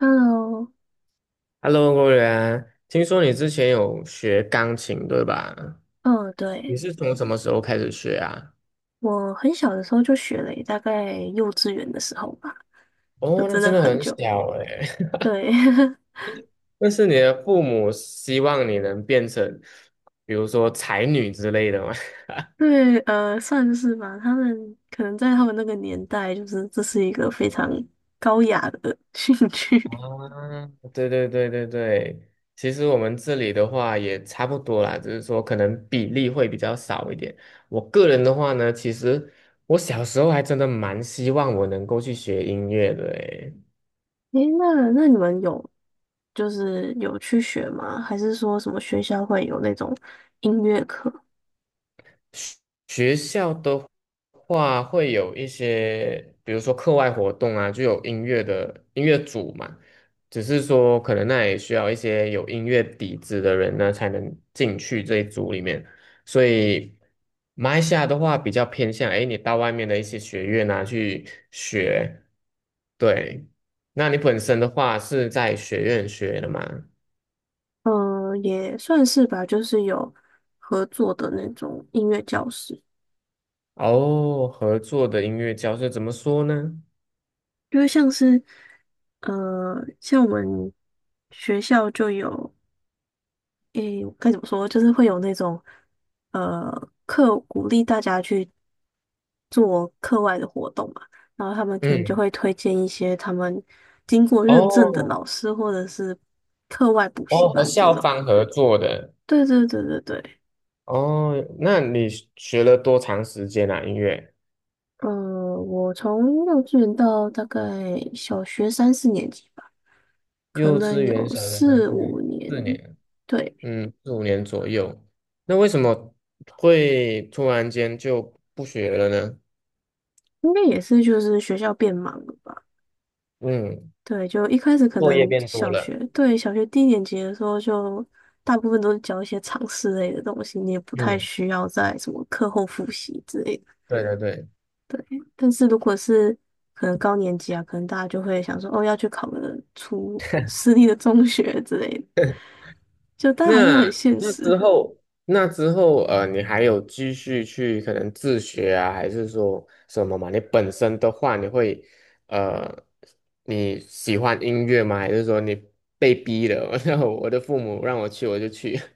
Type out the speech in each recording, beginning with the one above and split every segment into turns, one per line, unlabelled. Hello，
Hello，郭源，听说你之前有学钢琴，对吧？
嗯，
你
对，
是从什么时候开始学啊？
我很小的时候就学了耶大概幼稚园的时候吧，就
哦，那
真
真
的
的
很
很
久。
小哎。
对，
那是你的父母希望你能变成，比如说才女之类的吗？
对，算是吧。他们可能在他们那个年代，就是这是一个非常高雅的 兴趣。
啊 对对对对对，其实我们这里的话也差不多啦，只是说可能比例会比较少一点。我个人的话呢，其实我小时候还真的蛮希望我能够去学音乐的诶。
诶，那你们有就是有去学吗？还是说什么学校会有那种音乐课？
学校的话会有一些，比如说课外活动啊，就有音乐组嘛。只是说，可能那也需要一些有音乐底子的人呢，才能进去这一组里面。所以，马来西亚的话比较偏向，哎，你到外面的一些学院啊去学。对，那你本身的话是在学院学的嘛？
嗯，也算是吧，就是有合作的那种音乐教室。
哦，合作的音乐教室怎么说呢？
因为像是，呃，像我们学校就有，诶，该怎么说，就是会有那种，呃，课鼓励大家去做课外的活动嘛，然后他们可能就
嗯，
会推荐一些他们经过认证的
哦，
老师或者是课外补
哦，
习
和
班这
校
种。
方合作的。
对对对对对，
哦，那你学了多长时间啊？音乐？
呃，我从幼稚园到大概小学三四年级吧，可
幼稚
能
园、
有
小学三
四
四
五
年，
年。
四年，
对，
嗯，四五年左右。那为什么会突然间就不学了呢？
应该也是就是学校变忙了吧？
嗯，
对，就一开始可
作业
能
变多
小学，
了。
对，小学低年级的时候就大部分都是教一些常识类的东西，你也不太
嗯，
需要在什么课后复习之类的。
对对对。
但是如果是可能高年级啊，可能大家就会想说，哦，要去考个出私立的中学之类的，就大家还是很
那
现
那
实。
之后，那之后，你还有继续去可能自学啊，还是说什么嘛？你本身的话，你会，呃，你喜欢音乐吗？还是说你被逼的？然后我的父母让我去，我就去。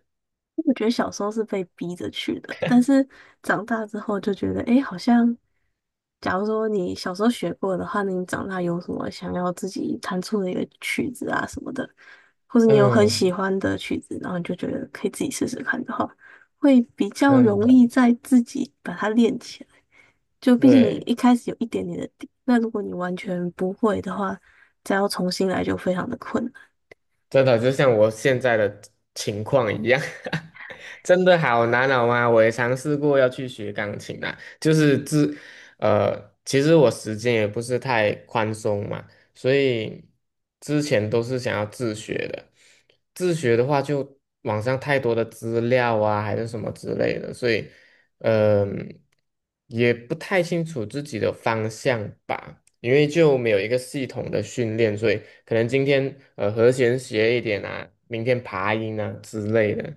我觉得小时候是被逼着去的，但是长大之后就觉得，哎，好像，假如说你小时候学过的话，那你长大有什么想要自己弹出的一个曲子啊什么的，或者你有很喜
嗯，
欢的曲子，然后你就觉得可以自己试试看的话，会比较
真
容
的
易在自己把它练起来。就毕竟你
对。
一开始有一点点的底，那如果你完全不会的话，再要重新来就非常的困难。
真的就像我现在的情况一样，真的好难熬啊！我也尝试过要去学钢琴啊，就是自，呃，其实我时间也不是太宽松嘛，所以之前都是想要自学的。自学的话，就网上太多的资料啊，还是什么之类的，所以，嗯、也不太清楚自己的方向吧。因为就没有一个系统的训练，所以可能今天和弦学一点啊，明天爬音啊之类的。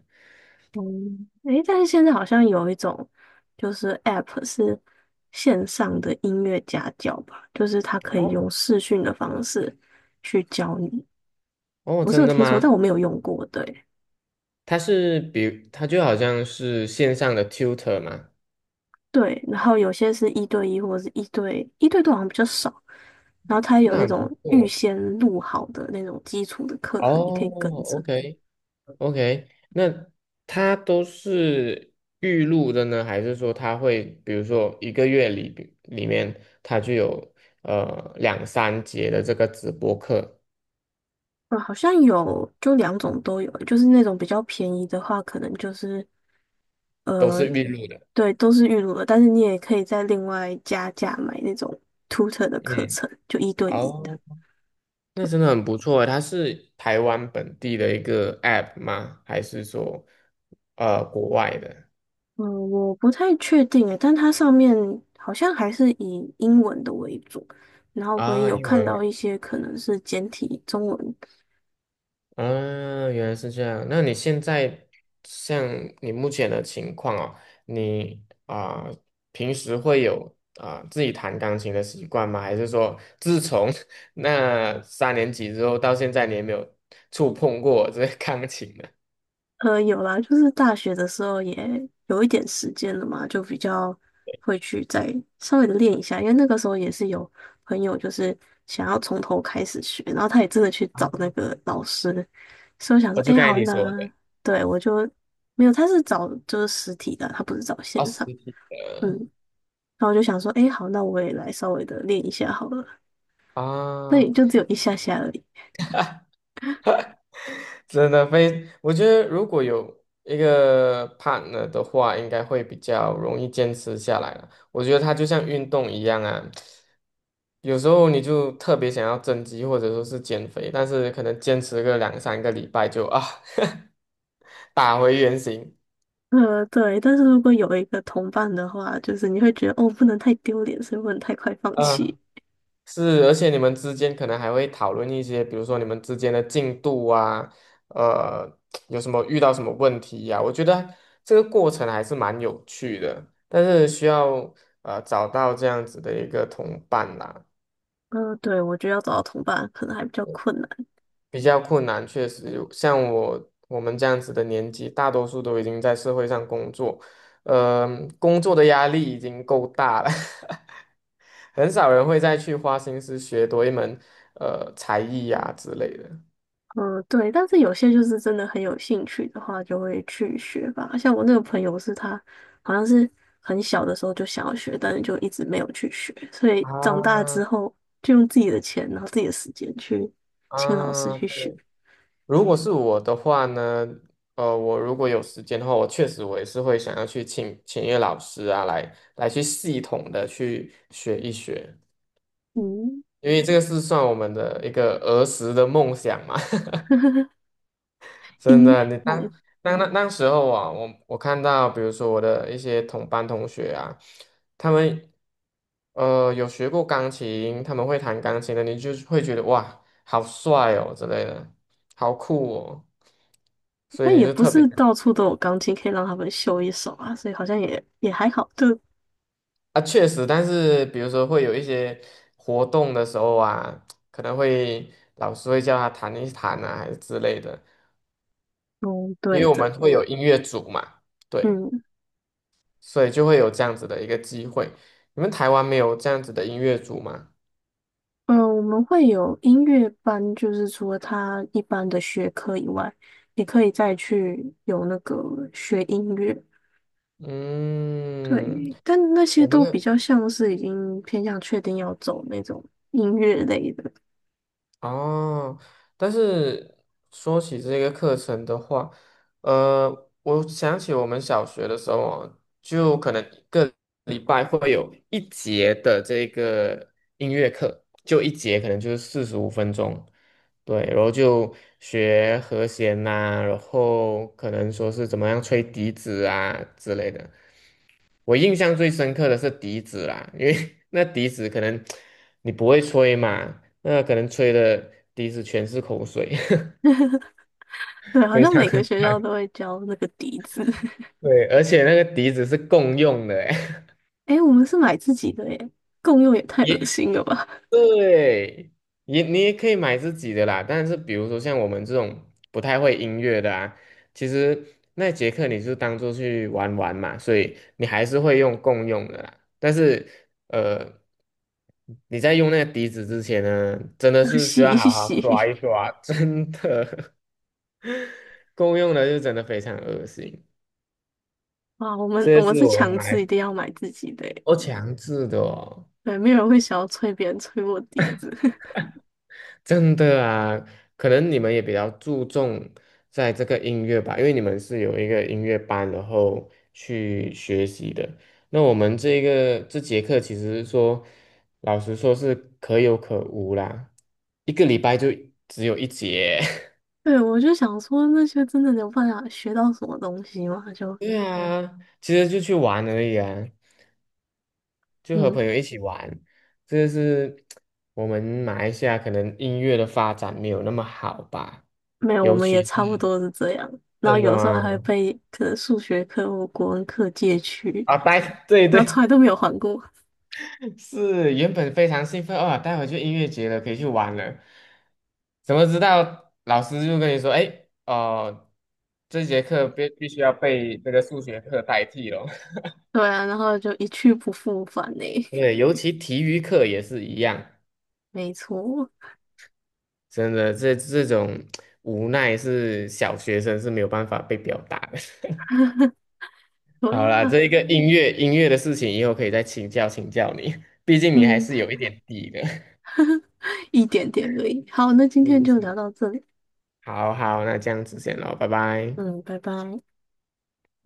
嗯，诶，但是现在好像有一种就是 App 是线上的音乐家教吧，就是它可以
哦，
用视讯的方式去教你。
哦，
我是
真
有
的
听说，但
吗？
我没有用过。对
它就好像是线上的 tutor 嘛，
对，然后有些是一对一或者是一对一对多好像比较少，然后它有
那
那
很不
种预
错。
先录好的那种基础的课
哦
程，你可以跟着。
，OK OK，那它都是预录的呢，还是说它会比如说一个月里面它就有两三节的这个直播课
好像有，就两种都有，就是那种比较便宜的话，可能就是。
都
呃，
是预录的？
对，都是预录的，但是你也可以再另外加价买那种 tutor 的课
嗯，
程，就一对一的。
哦。那真的很不错诶，它是台湾本地的一个 app 吗？还是说，呃，国外的
嗯，我不太确定诶，但它上面好像还是以英文的为主，然后我也
啊？
有
英
看到
文
一些可能是简体中文。
啊，原来是这样。那你现在像你目前的情况哦，你啊、平时会有啊、自己弹钢琴的习惯吗？还是说，自从 那三年级之后到现在，你也没有触碰过这个钢琴呢？
有啦，就是大学的时候也有一点时间了嘛，就比较会去再稍微的练一下，因为那个时候也是有朋友就是想要从头开始学，然后他也真的去找
啊，
那个老师，所以我想
我
说，
就
哎，
刚才
好
你说的，
那对我就没有，他是找就是实体的，他不是找
二
线
十
上，
体
嗯，
的
然后我就想说，哎，好，那我也来稍微的练一下好了，那
啊。
也就只有一下下而已。
真的非，我觉得如果有一个 partner 的话，应该会比较容易坚持下来了。我觉得它就像运动一样啊，有时候你就特别想要增肌或者说是减肥，但是可能坚持个两三个礼拜就啊 打回原形。
对，但是如果有一个同伴的话，就是你会觉得哦，不能太丢脸，所以不能太快放弃。
嗯是，而且你们之间可能还会讨论一些，比如说你们之间的进度啊，呃，有什么遇到什么问题呀、我觉得这个过程还是蛮有趣的，但是需要找到这样子的一个同伴啦，
对，我觉得要找到同伴可能还比较困难。
比较困难，确实有，像我们这样子的年纪，大多数都已经在社会上工作，呃，工作的压力已经够大了。很少人会再去花心思学多一门才艺呀、之类的。
嗯、对，但是有些就是真的很有兴趣的话，就会去学吧。像我那个朋友是他，好像是很小的时候就想要学，但是就一直没有去学，所以长大
啊，
之后就用自己的钱，然后自己的时间去请老师
啊！
去学。
如果是我的话呢，我如果有时间的话，我确实也是会想要去请一个老师啊，来去系统的去学一学，
嗯，
因为这个是算我们的一个儿时的梦想嘛。真
音乐
的，你
梦。
当
哦，
当那那时候啊，我看到，比如说我的一些同班同学啊，他们有学过钢琴，他们会弹钢琴的，你就是会觉得哇，好帅哦之类的，好酷哦，所以
但
你
也
就
不
特别
是
想
到处都有钢琴可以让他们秀一手啊，所以好像也还好。就
啊，确实，但是比如说会有一些活动的时候啊，可能会老师会叫他弹一弹啊，还是之类的，
嗯，
因为
对
我们
的，
会有音乐组嘛，对。
嗯
所以就会有这样子的一个机会。你们台湾没有这样子的音乐组吗？
嗯，我们会有音乐班，就是除了他一般的学科以外，也可以再去有那个学音乐。
嗯，
对，但那些
我们
都比
的
较像是已经偏向确定要走那种音乐类的。
哦，但是说起这个课程的话，我想起我们小学的时候哦，就可能一个礼拜会有一节的这个音乐课，就一节可能就是45分钟。对，然后就学和弦呐、然后可能说是怎么样吹笛子啊之类的。我印象最深刻的是笛子啦，因为 那笛子可能你不会吹嘛，那可能吹的笛子全是口水，
对，好
非
像
常
每 个学校都会教那个笛子。
对，而且那个笛子是共用的欸，
诶，我们是买自己的耶，共用也 太恶
也
心了吧，
对，也你也可以买自己的啦，但是比如说像我们这种不太会音乐的啊，其实那节课你就当做去玩玩嘛，所以你还是会用共用的啦。但是呃，你在用那个笛子之前呢，真 的
要
是需
洗
要
一
好好刷
洗。
一刷，真的 共用的就真的非常恶心，
哇，我们
这个
我们
是
是
我
强制一
买
定要买自己的欸，
我强制的哦。
对，没有人会想要催别人催我笛子。
真的啊，可能你们也比较注重在这个音乐吧，因为你们是有一个音乐班，然后去学习的。那我们这个这节课其实说，老实说是可有可无啦，一个礼拜就只有一节。
对，我就想说那些真的有办法学到什么东西吗？就
对啊，其实就去玩而已啊，就和
嗯，
朋友一起玩。这是我们马来西亚可能音乐的发展没有那么好吧，
没有，我
尤
们
其
也
是
差不多是这样。然后
真的
有时候还会
吗？
被可能数学课或国文课借去，
啊，带，对
然后从
对，
来都没有还过。
是原本非常兴奋啊，待会就音乐节了，可以去玩了。怎么知道老师就跟你说，哎，哦，这节课必须要被这个数学课代替了。
对啊，然后就一去不复返呢。
对，尤其体育课也是一样，
没错，
真的，这种无奈是小学生是没有办法被表达的。
对
好
呀、
啦，
啊
这一个音乐的事情，以后可以再请教你，毕竟你还
嗯，
是有一点底的。
一点点而已。好，那 今天
是
就聊
是。
到这里，
好好，那这样子先咯，拜拜。
嗯，拜拜。